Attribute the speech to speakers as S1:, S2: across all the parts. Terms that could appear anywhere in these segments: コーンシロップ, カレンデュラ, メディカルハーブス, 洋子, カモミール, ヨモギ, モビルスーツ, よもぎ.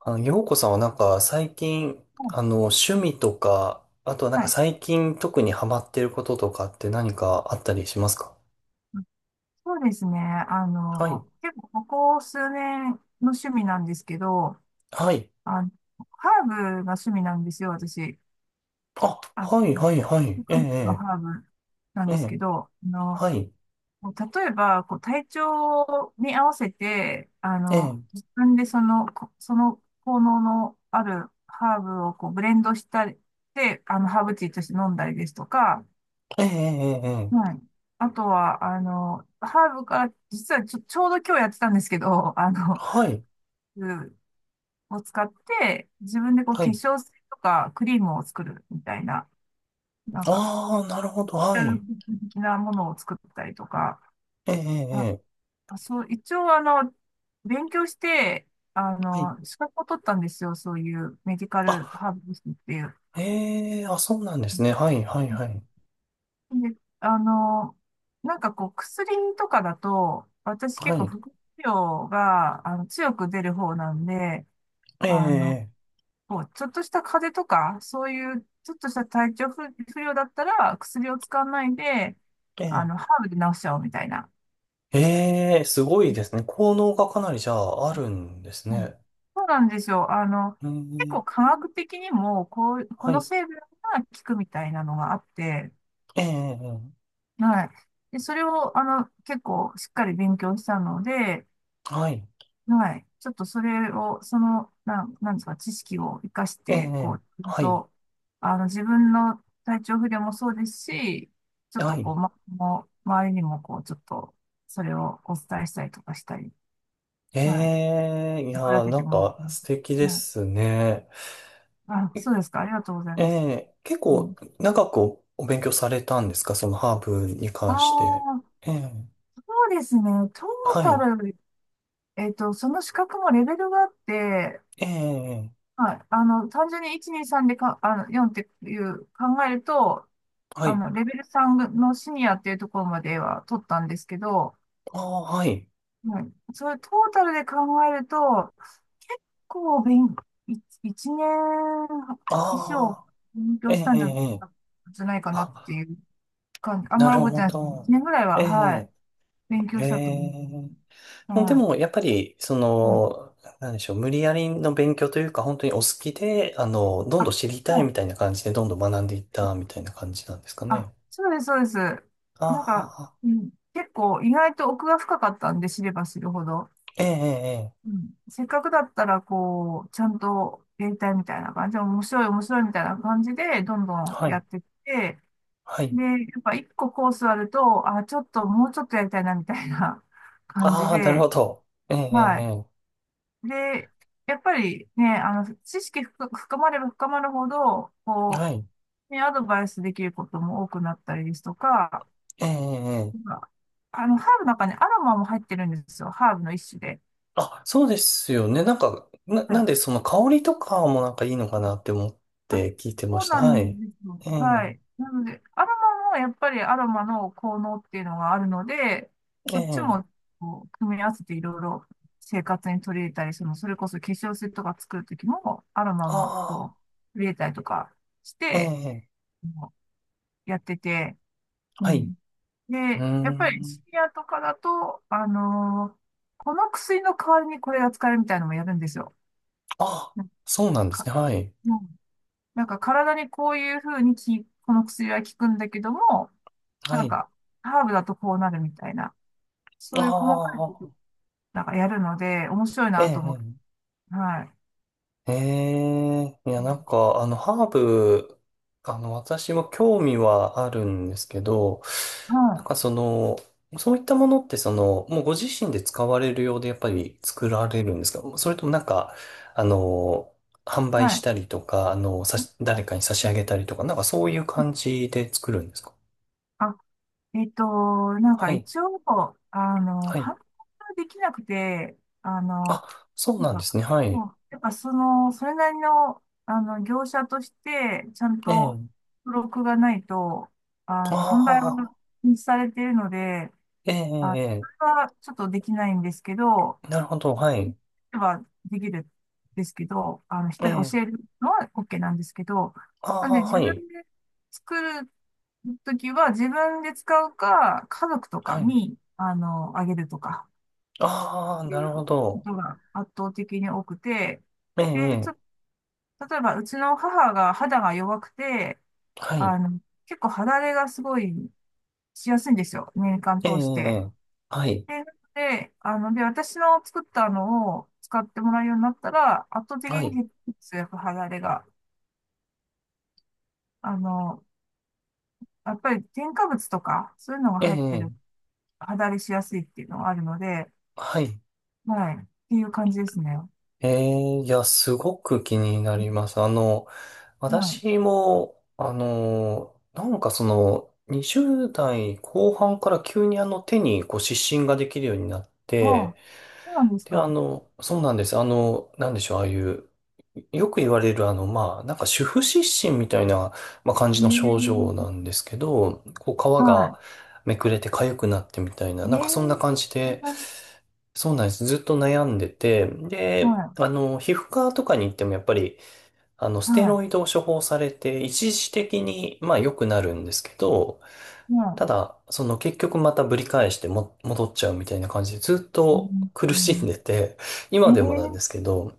S1: 洋子さんはなんか最近、
S2: は
S1: 趣味とか、あとはなんか
S2: い。
S1: 最近特にハマってることとかって何かあったりしますか？
S2: そうですね。
S1: はい。
S2: 結構ここ数年の趣味なんですけど、
S1: はい。
S2: あの、ハーブが趣味なんですよ、私。
S1: あ、
S2: あ、
S1: はい、はい、はい。え
S2: 植物の
S1: え、
S2: ハーブなん
S1: ええ、
S2: で
S1: え
S2: す
S1: え。
S2: けど、
S1: はい。
S2: 例えば、こう、体調に合わせて、
S1: ええ、
S2: 自分でその、こその効能のあるハーブをこうブレンドしたり、で、ハーブティーとして飲んだりですとか、
S1: ええ、ええ、え
S2: は
S1: え。
S2: い。あとは、ハーブから、実はちょうど今日やってたんですけど、
S1: はい。
S2: うんを使って、自分でこう
S1: は
S2: 化
S1: い。
S2: 粧水とかクリームを作るみたいな、なんか、
S1: ああ、なるほど。は
S2: ケ
S1: い。
S2: ミル的なものを作ったりとか、
S1: ええ、ええ、
S2: ま
S1: ええ。
S2: あ、そう、一応勉強して、
S1: はい。
S2: 資格を取ったんですよ、そういうメディカ
S1: あ、
S2: ルハーブスっていう。
S1: ええ、あ、そうなんですね。はい、はい、はい。
S2: で、あの、なんかこう、薬とかだと、私
S1: は
S2: 結構
S1: い。
S2: 副作用が、強く出る方なんで、
S1: え
S2: あの、
S1: え、
S2: こう、ちょっとした風邪とか、そういう、ちょっとした体調不、不良だったら、薬を使わないで、
S1: ええ、
S2: ハーブで治しちゃおうみたいな。
S1: ええ、ええ、すごいですね。効能がかなりじゃああるんです
S2: うん、
S1: ね。
S2: そうなんですよ。
S1: うー
S2: 結
S1: ん。
S2: 構科学的にも、こう、こ
S1: は
S2: の
S1: い。
S2: 成分が効くみたいなのがあって、
S1: ええ、
S2: はい。で、それを、結構しっかり勉強したので、
S1: はい。
S2: はい。ちょっとそれを、その、なんですか、知識を活かし
S1: え
S2: て、こう、
S1: え、
S2: ちゃん
S1: はい。
S2: と、自分の体調不良もそうですし、ちょっ
S1: は
S2: とこ
S1: い。
S2: う、ま、もう周りにも、こう、ちょっと、それをお伝えしたりとかしたり、はい。
S1: ええ、いや
S2: 役立
S1: ー、
S2: て
S1: な
S2: て
S1: ん
S2: もいいと
S1: か素敵で
S2: 思
S1: すね。
S2: う。はい。あ、
S1: え
S2: そうですか。ありがとうござい
S1: え
S2: ます。
S1: え、結
S2: う
S1: 構
S2: ん。
S1: 長くお勉強されたんですか、そのハーブに
S2: あ
S1: 関して？
S2: あ、
S1: ええ、
S2: そうですね。トー
S1: は
S2: タ
S1: い。
S2: ル、その資格もレベルがあって、
S1: ええ、
S2: はい。単純に1、2、3でか、4っていう考えると、
S1: はい。
S2: レベル3のシニアっていうところまでは取ったんですけど、
S1: ああ、はい。
S2: はい、それトータルで考えると、結構勉、い一
S1: あ
S2: 年以上
S1: あ、
S2: 勉
S1: え
S2: 強し
S1: え、
S2: たん
S1: え
S2: じゃ、
S1: え、
S2: じゃないかなって
S1: あ、
S2: いう感じ。あん
S1: な
S2: まり
S1: る
S2: 覚えて
S1: ほ
S2: ないですけど、一
S1: ど。
S2: 年ぐらい
S1: え
S2: は、は
S1: え、
S2: い、勉強
S1: え
S2: したと思
S1: え。
S2: う。
S1: で
S2: は
S1: も、やっぱり、そ
S2: い。はい。
S1: の、なんでしょう、無理やりの勉強というか、本当にお好きで、どん
S2: あ、
S1: どん
S2: は
S1: 知りたいみた
S2: い。
S1: いな感じで、どんどん学んでいったみたいな感じなんですか
S2: あ、
S1: ね。
S2: そうです、そうです。
S1: あ
S2: なんか、
S1: あ、
S2: うん、結構意外と奥が深かったんで、知れば知るほど。
S1: ええ、ええ、え
S2: う
S1: え、
S2: ん、せっかくだったら、こう、ちゃんとやりたいみたいな感じ、面白い、面白いみたいな感じで、どんどん
S1: は
S2: や
S1: い、
S2: ってって、
S1: はい。
S2: で、やっぱ1個コースあると、あ、ちょっと、もうちょっとやりたいな、みたいな 感じ
S1: ああ、なる
S2: で、
S1: ほど。ええ、え
S2: は
S1: え、
S2: い。
S1: え
S2: で、やっぱりね、知識深深まれば深まるほど、
S1: え、
S2: こ
S1: はい、
S2: う、ね、アドバイスできることも多くなったりですとか、
S1: ええ、ええ。え
S2: な
S1: え、
S2: んかハーブの中にアロマも入ってるんですよ。ハーブの1種で。
S1: あ、そうですよね。なんか、なんで、その香りとかもなんかいいのかなって思っ
S2: あ、
S1: て聞いてま
S2: そう
S1: した。
S2: な
S1: はい。
S2: んですよ。
S1: ええ、
S2: はい。なので、アロマもやっぱりアロマの効能っていうのがあるので、
S1: え
S2: そっち
S1: え、
S2: もこう組み合わせていろいろ生活に取り入れたり、その、それこそ化粧水とか作るときも、アロマも
S1: あ
S2: こう、入れたりとかし
S1: あ、え
S2: て、
S1: え、
S2: もうやってて、う
S1: はい。
S2: ん。
S1: う
S2: で、
S1: ー
S2: やっぱりシ
S1: ん。
S2: ニアとかだと、この薬の代わりにこれが使えるみたいなのもやるんですよ。
S1: あ、
S2: なん
S1: そうなんです
S2: か、
S1: ね。はい。
S2: うん、体にこういう風にこの薬は効くんだけども、
S1: は
S2: なん
S1: い。
S2: か、ハーブだとこうなるみたいな、そ
S1: あ
S2: ういう細かいこと、
S1: あ、
S2: なんかやるので、面白い
S1: え
S2: なと思って、
S1: え、
S2: はい。
S1: ええ。ええ、い
S2: う
S1: や、なん
S2: ん、
S1: か、ハーブ、私も興味はあるんですけど、な
S2: は
S1: ん
S2: い。
S1: かその、そういったものって、その、もうご自身で使われるようで、やっぱり作られるんですか、それともなんか、あの、販売
S2: は
S1: し
S2: い。
S1: たりとか、誰かに差し上げたりとか、なんかそういう感じで作るんですか？
S2: あ、なんか
S1: はい。
S2: 一応、
S1: はい。
S2: 反応ができなくて、
S1: あ、そうなん
S2: なん
S1: です
S2: か、
S1: ね。は
S2: こ
S1: い。
S2: うやっぱその、それなりの、業者として、ちゃんと
S1: ええ。
S2: 登録がないと、
S1: あ
S2: 販売は
S1: あ。
S2: 禁止されているので、
S1: ええ、
S2: あ、
S1: ええ、
S2: そ
S1: え
S2: れはちょっとできないんですけど、
S1: え、なるほど、はい。
S2: はできるんですけど、
S1: え
S2: 人に
S1: え、
S2: 教えるのは OK なんですけど、
S1: あ
S2: なんで
S1: あ、
S2: 自
S1: は
S2: 分
S1: い、
S2: で作るときは自分で使うか、家族とか
S1: はい。
S2: に、あげるとか、
S1: ああ、なるほ
S2: こ
S1: ど。
S2: とが圧倒的に多くて、
S1: ええ、
S2: で、ちょ、
S1: ええ、
S2: 例えばうちの母が肌が弱くて、
S1: はい。
S2: あの、結構肌荒れがすごいしやすいんですよ。年間
S1: ええ、え
S2: 通して。
S1: え、はい、
S2: で、で、私の作ったのを使ってもらうようになったら、圧倒的
S1: は
S2: に
S1: い。
S2: 血液肌荒れが、あの、やっぱり添加物とか、そういうのが
S1: ええ、
S2: 入ってる、
S1: ええ、
S2: 肌荒れしやすいっていうのがあるので、
S1: はい。
S2: はい、っていう感じですね。
S1: ええ、いや、すごく気にな
S2: うん、
S1: ります。
S2: はい。
S1: 私も、なんかその、20代後半から急に手にこう湿疹ができるようになっ
S2: あ
S1: て、
S2: あ、そうなんです
S1: で、
S2: か。
S1: そうなんです。なんでしょう、ああいう、よく言われる、まあ、なんか主婦失神みたいな、まあ、感じの症状
S2: ええ、
S1: なんですけど、こう、皮
S2: は
S1: がめくれて痒くなってみたいな、
S2: い。
S1: なん
S2: ええ、
S1: かそんな感じ
S2: そん
S1: で、
S2: なに、
S1: そうなんです。ずっと悩んでて、で、
S2: は
S1: 皮膚科とかに行ってもやっぱり、
S2: い、
S1: ステ
S2: は
S1: ロイドを処方されて、一時的に、まあ、良くなるんですけど、
S2: い、はい。
S1: ただ、その結局またぶり返しても戻っちゃうみたいな感じでずっ
S2: う
S1: と
S2: ん、
S1: 苦しんでて、
S2: うん、
S1: 今でもなん
S2: え
S1: です
S2: え、
S1: けど、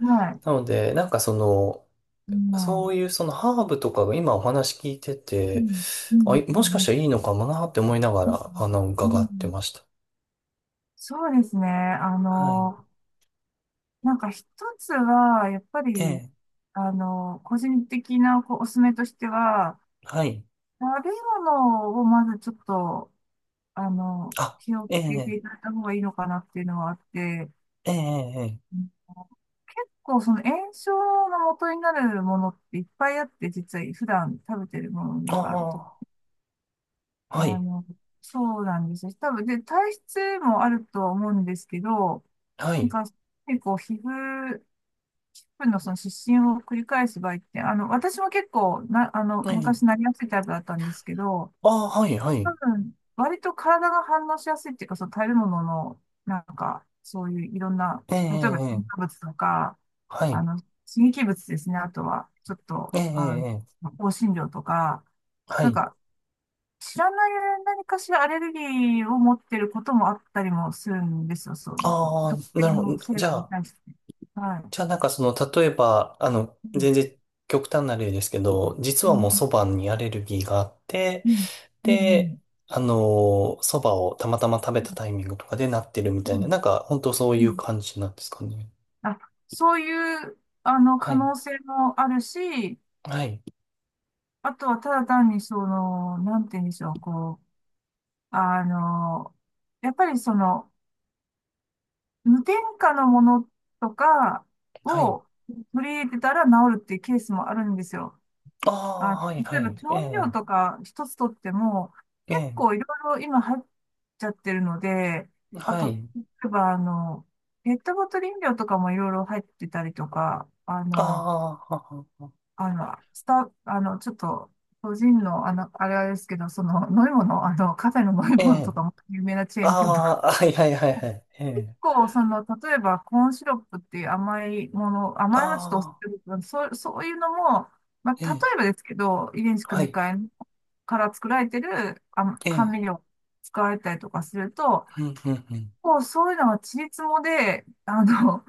S2: はい。
S1: なので、なんかその、
S2: うん、う
S1: そう
S2: ん、
S1: いうそのハーブとかが今お話聞いて
S2: う
S1: て、
S2: ん、う
S1: あ、
S2: ん、
S1: もしかしたらいいのかもなって思いなが
S2: うん。
S1: ら、
S2: う
S1: 伺って
S2: ん、
S1: ました。
S2: そうですね。
S1: はい。
S2: なんか一つは、やっぱ
S1: え
S2: り、
S1: え、
S2: 個人的なこうおすすめとしては、
S1: はい。
S2: 食べ物をまずちょっと、
S1: あ、
S2: 気をつ
S1: え
S2: けて
S1: え、
S2: いただいた方がいいのかなっていうのはあって、
S1: ええ、ええ、ええ、
S2: 結構その炎症の元になるものっていっぱいあって、実は普段食べてるものの中と、
S1: ああ、は
S2: あ
S1: い、
S2: の、そうなんですよ。多分、で、体質もあるとは思うんですけど、
S1: は
S2: なん
S1: い、
S2: か、結構皮膚分のその失神を繰り返す場合って、私も結構な、
S1: ええ、
S2: 昔なりやすいタイプだったんですけど、
S1: ああ、はい、は
S2: 多
S1: い、
S2: 分、割と体が反応しやすいっていうか、その食べ物の、なんか、そういういろんな、
S1: ええ、え
S2: 例えば、
S1: え、
S2: 添加
S1: ええ、
S2: 物とか、
S1: はい、
S2: 刺激物ですね。あとは、ちょっと、
S1: ええ、ええ、ええ、
S2: 香辛料とか、
S1: は
S2: なん
S1: い。
S2: か、知らない何かしらアレルギーを持ってることもあったりもするんですよ。そう、
S1: あ
S2: 特
S1: あ、な
S2: 定
S1: るほ
S2: の
S1: ど。
S2: 成
S1: じ
S2: 分
S1: ゃ
S2: に
S1: あ、
S2: 対して。はい。
S1: なんかその、例えば、全
S2: う
S1: 然極端な例ですけど、実はもう蕎
S2: ん、
S1: 麦にアレルギーがあって、
S2: うん、うん、
S1: で、蕎麦をたまたま食べたタイミングとかでなってるみた
S2: う
S1: いな、
S2: ん、
S1: なんか本当そう
S2: う
S1: いう
S2: ん。
S1: 感じなんですかね。
S2: あ、そういう、
S1: は
S2: 可
S1: い。
S2: 能性もあるし、
S1: はい。
S2: あとはただ単にその、なんて言うんでしょう、こう、あの、やっぱりその、無添加のものとか
S1: はい。
S2: を取り入れてたら治るっていうケースもあるんですよ。
S1: あ
S2: あ、
S1: あ、はい、は
S2: 例えば
S1: い。え
S2: 調味
S1: え、
S2: 料とか一つとっても、
S1: え
S2: 結
S1: え、
S2: 構いろいろ今入っちゃってるので、あ
S1: は
S2: と、
S1: い。
S2: 例えばペットボトル飲料とかもいろいろ入ってたりとか、あ
S1: あ
S2: の、
S1: あ、はは、
S2: あの、スタ、あの、ちょっと、個人の、あれですけど、その、飲み物、カフェの飲み
S1: え
S2: 物
S1: え、
S2: とかも有名なチェーン店とか
S1: ああ、はい、はい、はい、はい。え
S2: 結
S1: え、
S2: 構、その、例えば、コーンシロップっていう甘いもの、甘いのちょっとお酢っ
S1: ああ、
S2: てことなんでそう、そういうのも、まあ、
S1: え
S2: 例
S1: え、
S2: えばですけど、遺伝子
S1: は
S2: 組み
S1: い。
S2: 換えから作られてるあ
S1: ええ、
S2: 甘味料使われたりとかすると、
S1: うん、うん、うん。
S2: こうそういうのはちりつもで、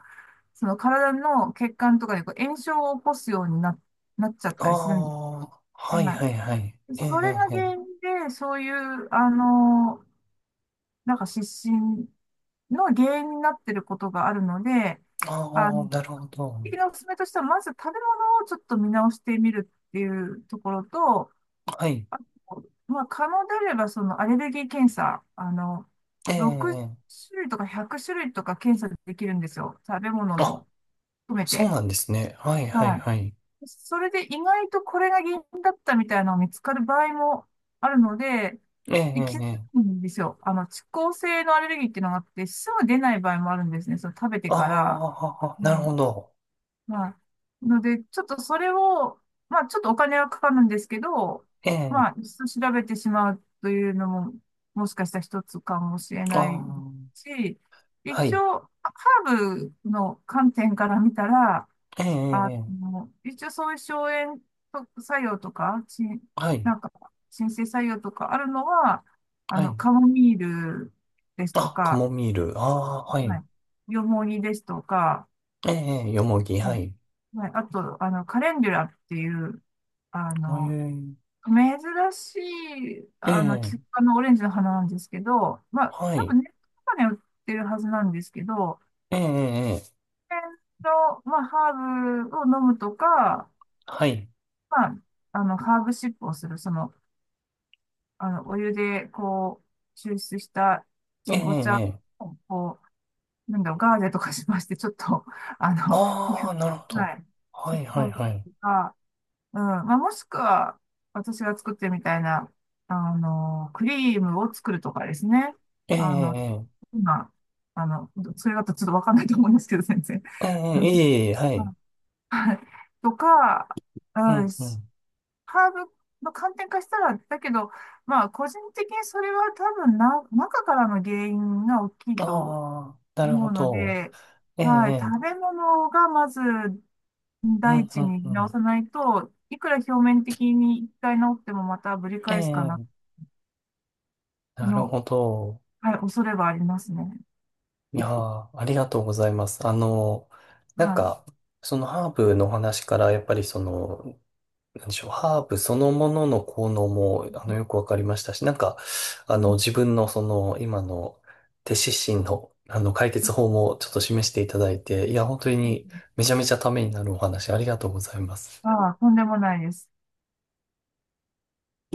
S2: その体の血管とかでこう炎症を起こすようにな、なっちゃっ
S1: あ
S2: たりするんで
S1: あ、
S2: す。
S1: はい
S2: は
S1: はいはい。
S2: い。
S1: ええ、
S2: それが
S1: ええ、ええ、
S2: 原因で、そういう、なんか失神の原因になっていることがあるので、
S1: あ
S2: あの、
S1: あ、
S2: 基本
S1: なるほど。
S2: 的なおすすめとしては、まず食べ物をちょっと見直してみるっていうところと、
S1: はい。
S2: まあ、可能であれば、そのアレルギー検査、
S1: ええ、
S2: 6
S1: ええ。
S2: 種類とか100種類とか検査できるんですよ。食べ物
S1: あ、
S2: の含め
S1: そう
S2: て。
S1: なんですね。はいはい
S2: はい、
S1: はい。
S2: それで意外とこれが原因だったみたいなのが見つかる場合もあるので、
S1: ええ、え
S2: で、
S1: え、
S2: 気づ
S1: え
S2: く
S1: え、
S2: んですよ。遅効性のアレルギーっていうのがあって、すぐ出ない場合もあるんですね。その食べて
S1: あ
S2: から。
S1: あ、
S2: う
S1: なる
S2: ん。
S1: ほど。
S2: まあ、ので、ちょっとそれを、まあ、ちょっとお金はかかるんですけど、
S1: ええ、
S2: まあ、1度調べてしまうというのも、もしかしたら一つかもしれ
S1: あ
S2: ない
S1: あ、
S2: し、
S1: は
S2: 一
S1: い。
S2: 応、ハーブの観点から見たら、
S1: ええ、ええ、ええ、
S2: 一応そういう荘園作用とか、し、
S1: はい、
S2: なんか、申請作用とかあるのは、
S1: はい。
S2: カモミールですと
S1: あ、カ
S2: か、
S1: モミール。ああ、は
S2: は
S1: い。
S2: い、ヨモギですとか、
S1: ええ、ええ、よもぎ、は
S2: は
S1: い。
S2: い、はい、あと、カレンデュラっていう、あの、
S1: え
S2: 珍しい、
S1: え、え
S2: キク
S1: え、
S2: 科のオレンジの花なんですけど、まあ、
S1: は
S2: 多
S1: い。
S2: 分ネットとかで売ってるはずなんですけど、
S1: ええ、ええ、ええ、
S2: 天然の、まあ、ハーブを飲むとか、
S1: はい。
S2: まあ、ハーブシップをする、その、お湯で、こう、抽出した、
S1: え
S2: そ
S1: え、え
S2: のお茶
S1: え、
S2: を、こう、なんだろう、ガーゼとかしまして、ちょっと、あの、皮
S1: あ
S2: 膚、
S1: あ、なるほ
S2: は
S1: ど。
S2: い、
S1: は
S2: シッ
S1: い
S2: プ
S1: はい
S2: をす
S1: は
S2: る
S1: い。
S2: とか、うん、まあ、もしくは、私が作ってるみたいな、クリームを作るとかですね。
S1: ええ、
S2: あの、
S1: ええ、
S2: 今、あの、それだとちょっとわかんないと思いますけど、先生。
S1: ええ、ええ、はい。
S2: はい、とか、う
S1: う
S2: ん、
S1: ん、うん。
S2: ハーブの観点化したら、だけど、まあ、個人的にそれは多分な、中からの原因が大きいと
S1: ああ、なる
S2: 思
S1: ほ
S2: うの
S1: ど。
S2: で、
S1: ええ、
S2: は
S1: え
S2: い、
S1: え、
S2: 食べ物がまず
S1: う
S2: 第
S1: ん、う
S2: 一
S1: ん、う
S2: に直
S1: ん。
S2: さないと、いくら表面的に1回治ってもまたぶり
S1: え
S2: 返すか
S1: え、
S2: な、
S1: なる
S2: の、
S1: ほど。
S2: はい、恐れはありますね。
S1: いやー、ありがとうございます。なん
S2: はい。
S1: か、そのハーブの話から、やっぱりその、なんでしょう、ハーブそのものの効能も、よくわかりましたし、なんか、
S2: うん、
S1: 自分のその、今の、手指針の、解決法もちょっと示していただいて、いや、本当に、めちゃめちゃためになるお話、ありがとうございます。
S2: ああ、とんでもないです。